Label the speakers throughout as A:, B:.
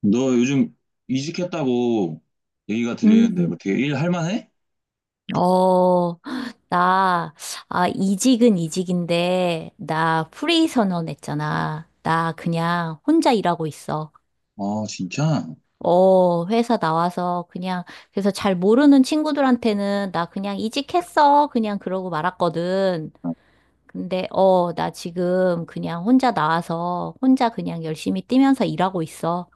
A: 너 요즘 이직했다고 얘기가
B: 음,
A: 해?
B: 어, 나, 이직은 이직인데, 나 프리 선언했잖아. 나 그냥 혼자 일하고 있어.
A: 아, 진짜?
B: 회사 나와서 그냥, 그래서 잘 모르는 친구들한테는 나 그냥 이직했어. 그냥 그러고 말았거든. 근데, 나 지금 그냥 혼자 나와서 혼자 그냥 열심히 뛰면서 일하고 있어.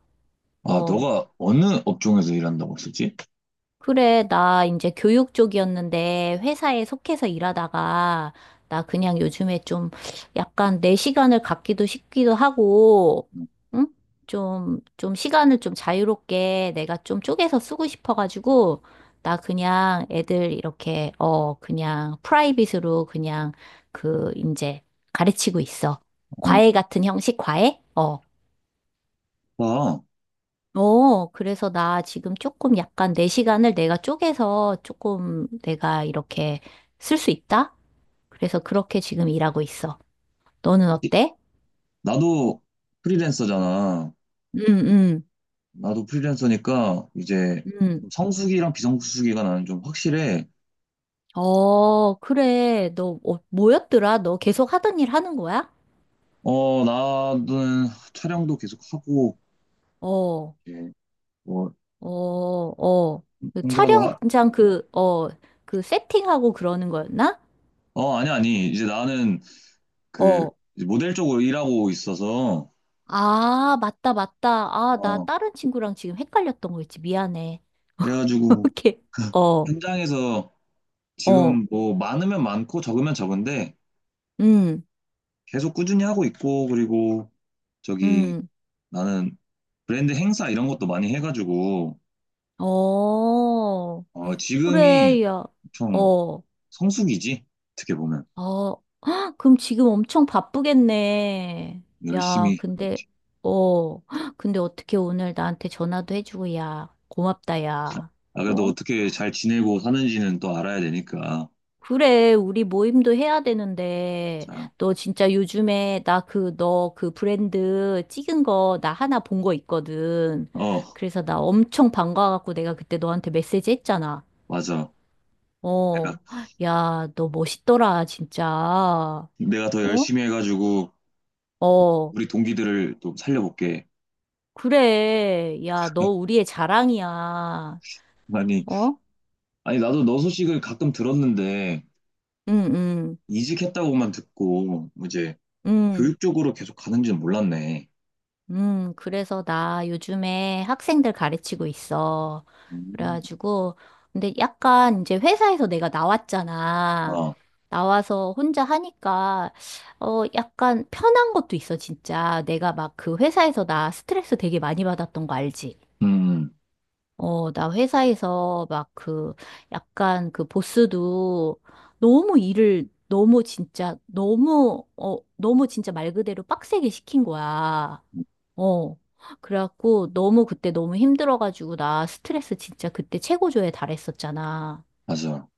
A: 아,
B: 어.
A: 너가 어느 업종에서 일한다고 했었지?
B: 그래, 나 이제 교육 쪽이었는데 회사에 속해서 일하다가 나 그냥 요즘에 좀 약간 내 시간을 갖기도 싶기도 하고, 응? 좀 시간을 좀 자유롭게 내가 좀 쪼개서 쓰고 싶어가지고 나 그냥 애들 이렇게, 그냥 프라이빗으로 그냥 그 이제 가르치고 있어.
A: 어,
B: 과외 같은 형식 과외? 어.
A: 나,
B: 그래서 나 지금 조금 약간 내 시간을 내가 쪼개서 조금 내가 이렇게 쓸 수 있다? 그래서 그렇게 지금 일하고 있어. 너는 어때?
A: 나도 프리랜서잖아.
B: 응, 응,
A: 나도 프리랜서니까 이제
B: 응.
A: 좀 성수기랑 비성수기가 나는 좀 확실해.
B: 그래. 너 뭐였더라? 너 계속 하던 일 하는 거야?
A: 어, 나는 촬영도 계속 하고,
B: 어,
A: 이제 뭐
B: 어, 어. 그
A: 행사도
B: 촬영장 그, 그 세팅하고 그러는 거였나?
A: 어, 아니, 아니. 이제 나는 그
B: 어.
A: 이제 모델 쪽으로 일하고 있어서,
B: 아, 맞다, 맞다. 아, 나
A: 어,
B: 다른 친구랑 지금 헷갈렸던 거 있지. 미안해.
A: 그래가지고
B: 오케이. 어.
A: 현장에서
B: 어.
A: 지금 뭐 많으면 많고 적으면 적은데
B: 음.
A: 계속 꾸준히 하고 있고, 그리고 저기
B: 음.
A: 나는 브랜드 행사 이런 것도 많이 해가지고
B: 어.
A: 어, 지금이
B: 그래. 야.
A: 엄청
B: 어.
A: 성수기지, 어떻게 보면.
B: 어. 헉, 그럼 지금 엄청 바쁘겠네. 야,
A: 열심히 하고
B: 근데,
A: 있지.
B: 헉, 근데 어떻게 오늘 나한테 전화도 해주고, 야, 고맙다, 야.
A: 아, 그래도
B: 어?
A: 어떻게 잘 지내고 사는지는 또 알아야 되니까.
B: 그래, 우리 모임도 해야 되는데,
A: 자,
B: 너 진짜 요즘에 나 그, 너 그 브랜드 찍은 거 나 하나 본 거 있거든.
A: 어,
B: 그래서 나 엄청 반가워갖고 내가 그때 너한테 메시지 했잖아.
A: 맞아. 내가
B: 어, 야, 너 멋있더라, 진짜. 어?
A: 내가 더 열심히 해가지고
B: 어,
A: 우리 동기들을 또 살려볼게.
B: 그래. 야, 너 우리의 자랑이야.
A: 아니,
B: 어?
A: 아니, 나도 너 소식을 가끔 들었는데,
B: 응, 응,
A: 이직했다고만 듣고, 이제
B: 응,
A: 교육 쪽으로 계속 가는지는 몰랐네.
B: 응. 그래서 나 요즘에 학생들 가르치고 있어.
A: 음,
B: 그래가지고, 근데 약간 이제 회사에서 내가 나왔잖아.
A: 아,
B: 나와서 혼자 하니까, 어, 약간 편한 것도 있어, 진짜. 내가 막 그 회사에서 나 스트레스 되게 많이 받았던 거 알지?
A: 음,
B: 나 회사에서 막 그, 약간 그 보스도 너무 일을 너무 진짜, 너무, 너무 진짜 말 그대로 빡세게 시킨 거야. 어. 그래갖고 너무 그때 너무 힘들어가지고 나 스트레스 진짜 그때 최고조에 달했었잖아.
A: 맞아.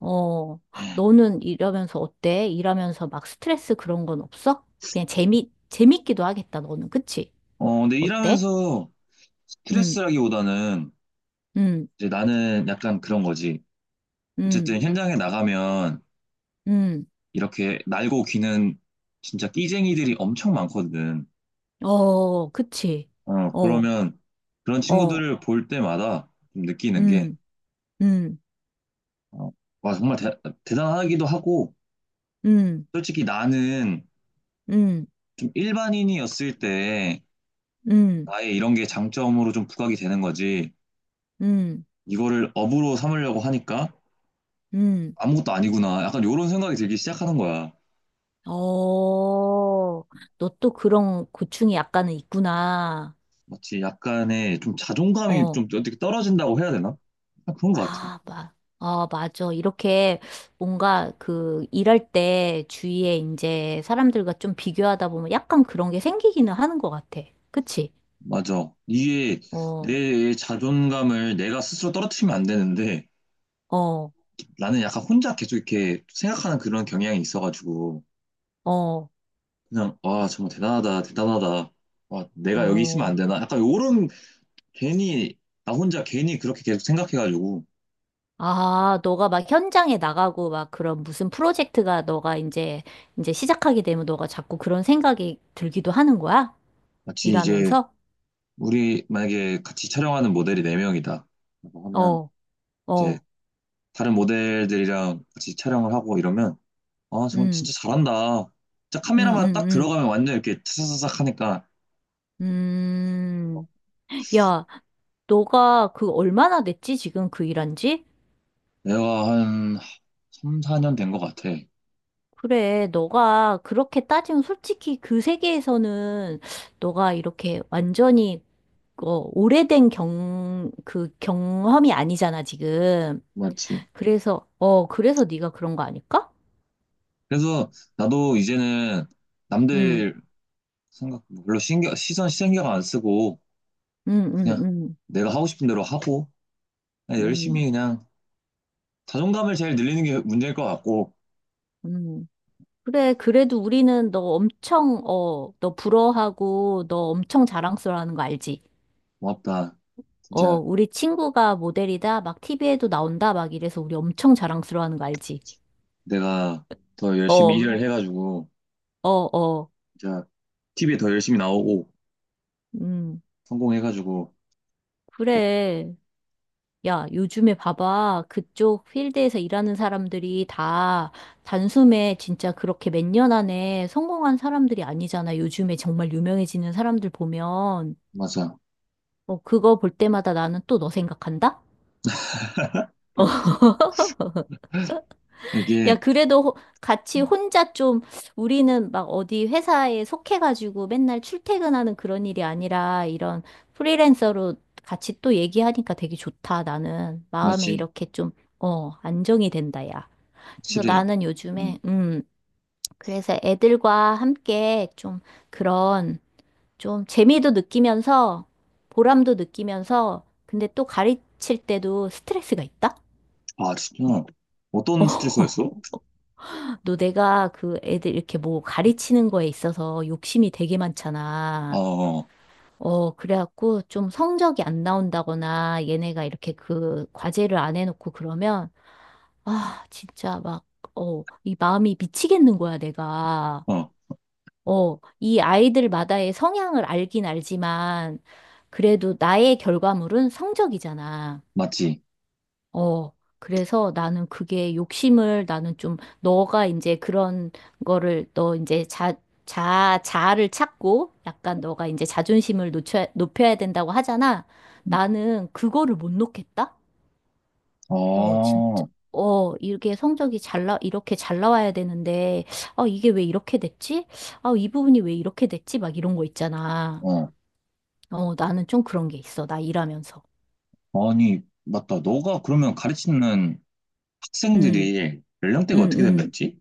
B: 어. 너는 이러면서 어때? 일하면서 막 스트레스 그런 건 없어? 그냥 재밌기도 하겠다, 너는. 그치?
A: 어, 근데
B: 어때?
A: 일하면서
B: 응,
A: 스트레스라기보다는
B: 응,
A: 이제 나는 약간 그런 거지.
B: 응,
A: 어쨌든 현장에 나가면
B: 응.
A: 이렇게 날고 기는 진짜 끼쟁이들이 엄청 많거든.
B: 어, 그치.
A: 어,
B: 어.
A: 그러면 그런
B: 어.
A: 친구들을 볼 때마다 좀 느끼는 게,
B: 음. 음.
A: 어, 와, 정말 대단하기도 하고,
B: 음.
A: 솔직히 나는
B: 음.
A: 좀 일반인이었을 때
B: 음.
A: 나의 이런 게 장점으로 좀 부각이 되는 거지.
B: 음.
A: 이거를 업으로 삼으려고 하니까
B: 음.
A: 아무것도 아니구나, 약간 요런 생각이 들기 시작하는 거야.
B: 어, 너 또 그런 고충이 약간은 있구나.
A: 마치 약간의 좀 자존감이
B: 어,
A: 좀 어떻게 떨어진다고 해야 되나? 약간 그런 것 같아.
B: 아, 아, 맞아. 이렇게 뭔가 그 일할 때 주위에 이제 사람들과 좀 비교하다 보면 약간 그런 게 생기기는 하는 것 같아. 그치?
A: 맞아. 이게
B: 어,
A: 내 자존감을 내가 스스로 떨어뜨리면 안 되는데,
B: 어,
A: 나는 약간 혼자 계속 이렇게 생각하는 그런 경향이 있어가지고,
B: 어,
A: 그냥 와 정말 대단하다 대단하다, 와 내가 여기 있으면
B: 어.
A: 안 되나, 약간 요런. 괜히 나 혼자 괜히 그렇게 계속 생각해가지고.
B: 아, 너가 막 현장에 나가고 막 그런 무슨 프로젝트가 너가 이제 시작하게 되면 너가 자꾸 그런 생각이 들기도 하는 거야?
A: 마치 이제
B: 일하면서?
A: 우리 만약에 같이 촬영하는 모델이 네 명이다 라고 하면,
B: 어,
A: 이제
B: 어,
A: 다른 모델들이랑 같이 촬영을 하고, 이러면 아, 정말
B: 음,
A: 진짜 잘한다. 진짜
B: 음,
A: 카메라만 딱
B: 음,
A: 들어가면 완전 이렇게 차사사삭 하니까.
B: 음, 음. 야, 너가 그 얼마나 됐지? 지금 그 일한 지?
A: 내가 한 3, 4년 된 것 같아.
B: 그래, 너가 그렇게 따지면 솔직히 그 세계에서는 너가 이렇게 완전히 어, 오래된 그 경험이 아니잖아, 지금.
A: 맞지.
B: 그래서, 그래서 네가 그런 거 아닐까?
A: 그래서 나도 이제는
B: 응,
A: 남들 생각 뭐 별로 시선 신경 안 쓰고,
B: 응, 응,
A: 그냥
B: 응,
A: 내가 하고 싶은 대로 하고, 그냥 열심히
B: 응,
A: 그냥 자존감을 제일 늘리는 게 문제일 것 같고.
B: 응. 그래, 그래도 우리는 너 엄청, 어, 너 부러워하고 너 엄청 자랑스러워하는 거 알지?
A: 고맙다. 진짜
B: 우리 친구가 모델이다, 막 TV에도 나온다, 막 이래서 우리 엄청 자랑스러워하는 거 알지?
A: 내가 더 열심히
B: 어,
A: 일을 해가지고
B: 어, 어,
A: 진짜 TV에 더 열심히 나오고
B: 음,
A: 성공해가지고 꼭-
B: 그래. 야, 요즘에 봐봐. 그쪽 필드에서 일하는 사람들이 다 단숨에 진짜 그렇게 몇 년 안에 성공한 사람들이 아니잖아. 요즘에 정말 유명해지는 사람들 보면.
A: 맞아.
B: 그거 볼 때마다 나는 또 너 생각한다? 야,
A: 이게
B: 그래도 같이
A: 음,
B: 혼자 좀 우리는 막 어디 회사에 속해가지고 맨날 출퇴근하는 그런 일이 아니라 이런 프리랜서로 같이 또 얘기하니까 되게 좋다. 나는 마음에
A: 맞지.
B: 이렇게 좀, 안정이 된다, 야. 그래서
A: 확실히.
B: 나는
A: 음.
B: 요즘에, 그래서 애들과 함께 좀 그런, 좀 재미도 느끼면서, 보람도 느끼면서, 근데 또 가르칠 때도 스트레스가 있다?
A: 아, 진짜 어떤 스트레스가 있어?
B: 너 내가 그 애들 이렇게 뭐 가르치는 거에 있어서 욕심이 되게 많잖아.
A: 어어,
B: 그래갖고 좀 성적이 안 나온다거나 얘네가 이렇게 그 과제를 안 해놓고 그러면, 아, 진짜 막, 이 마음이 미치겠는 거야, 내가.
A: 어, 어,
B: 이 아이들마다의 성향을 알긴 알지만, 그래도 나의 결과물은 성적이잖아.
A: 맞지.
B: 어, 그래서 나는 그게 욕심을 나는 좀, 너가 이제 그런 거를, 너 이제 자아를 찾고, 약간 너가 이제 자존심을 놓쳐, 높여야 된다고 하잖아.
A: 음.
B: 나는 그거를 못 놓겠다? 어, 진짜,
A: 어,
B: 이게 성적이 이렇게 잘 나와야 되는데, 아, 이게 왜 이렇게 됐지? 아, 이 부분이 왜 이렇게 됐지? 막 이런 거 있잖아.
A: 어,
B: 어, 나는 좀 그런 게 있어. 나 일하면서.
A: 아니, 맞다. 너가 그러면 가르치는
B: 음.
A: 학생들이 연령대가
B: 음.
A: 어떻게 된다
B: 음.
A: 했지?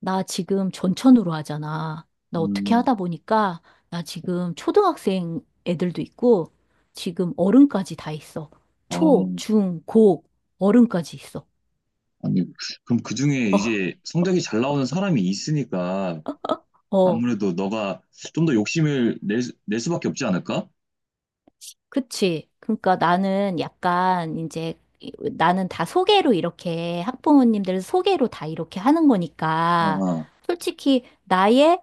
B: 나 지금 전천후로 하잖아. 나 어떻게
A: 음,
B: 하다 보니까, 나 지금 초등학생 애들도 있고, 지금 어른까지 다 있어.
A: 아,
B: 초, 중, 고, 어른까지 있어.
A: 아니, 그럼 그중에
B: 어,
A: 이제 성적이 잘 나오는 사람이 있으니까
B: 어.
A: 아무래도 너가 좀 더 욕심을 낼 수밖에 없지 않을까?
B: 그치. 그러니까 나는 약간 이제 나는 다 소개로 이렇게 학부모님들 소개로 다 이렇게 하는
A: 아,
B: 거니까
A: 아,
B: 솔직히 나의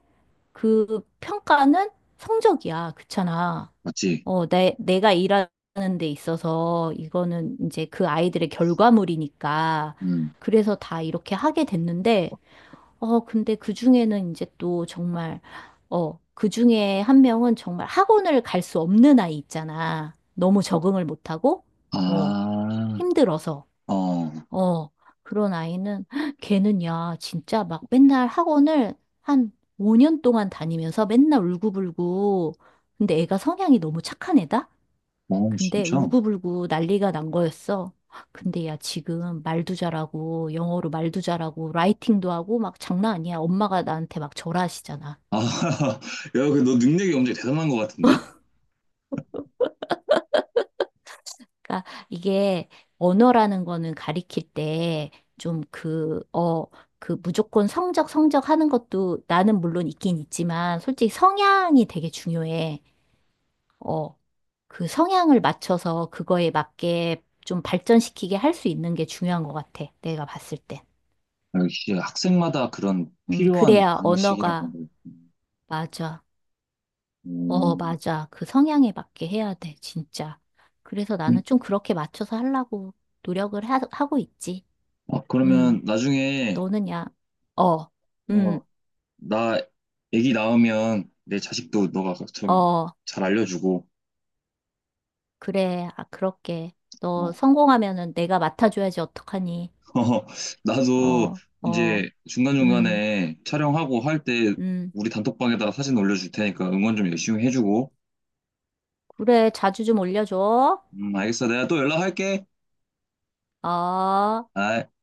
B: 그 평가는 성적이야. 그렇잖아.
A: 맞지?
B: 어, 내가 일하는 데 있어서 이거는 이제 그 아이들의 결과물이니까
A: 음.
B: 그래서 다 이렇게 하게 됐는데 근데 그 중에는 이제 또 정말, 그 중에 한 명은 정말 학원을 갈 수 없는 아이 있잖아. 너무 적응을 못하고, 어,
A: 아,
B: 힘들어서,
A: 어,
B: 어, 그런 아이는, 헉, 걔는 야, 진짜 막 맨날 학원을 한 5년 동안 다니면서 맨날 울고불고, 근데 애가 성향이 너무 착한 애다?
A: 어,
B: 근데
A: 진짜?
B: 울고불고 난리가 난 거였어. 근데 야, 지금 말도 잘하고, 영어로 말도 잘하고, 라이팅도 하고, 막 장난 아니야. 엄마가 나한테 막 절하시잖아.
A: 아, 야, 그 너 능력이 엄청 대단한 것 같은데?
B: 그러니까 이게 언어라는 거는 가리킬 때 좀 그, 그 무조건 성적, 성적 하는 것도 나는 물론 있긴 있지만, 솔직히 성향이 되게 중요해. 어, 그 성향을 맞춰서 그거에 맞게 좀 발전시키게 할 수 있는 게 중요한 것 같아. 내가 봤을 땐.
A: 아, 역시 학생마다 그런 필요한
B: 그래야
A: 방식이랑
B: 언어가
A: 방법이 있구나.
B: 맞아. 어,
A: 음.
B: 맞아. 그 성향에 맞게 해야 돼, 진짜. 그래서
A: 음.
B: 나는 좀 그렇게 맞춰서 하려고 노력을 하고 있지.
A: 아, 그러면
B: 음,
A: 나중에,
B: 너는 야, 어,
A: 어,
B: 음,
A: 나 애기 낳으면 내 자식도 너가 좀
B: 어,
A: 잘 알려주고,
B: 그래. 아, 그렇게. 너
A: 어,
B: 성공하면은 내가 맡아줘야지, 어떡하니.
A: 어, 나도
B: 어, 어,
A: 이제
B: 음,
A: 중간중간에 촬영하고 할 때
B: 음.
A: 우리 단톡방에다가 사진 올려줄 테니까 응원 좀 열심히 해주고.
B: 그래, 자주 좀 올려줘.
A: 알겠어. 내가 또 연락할게.
B: 어.
A: 아,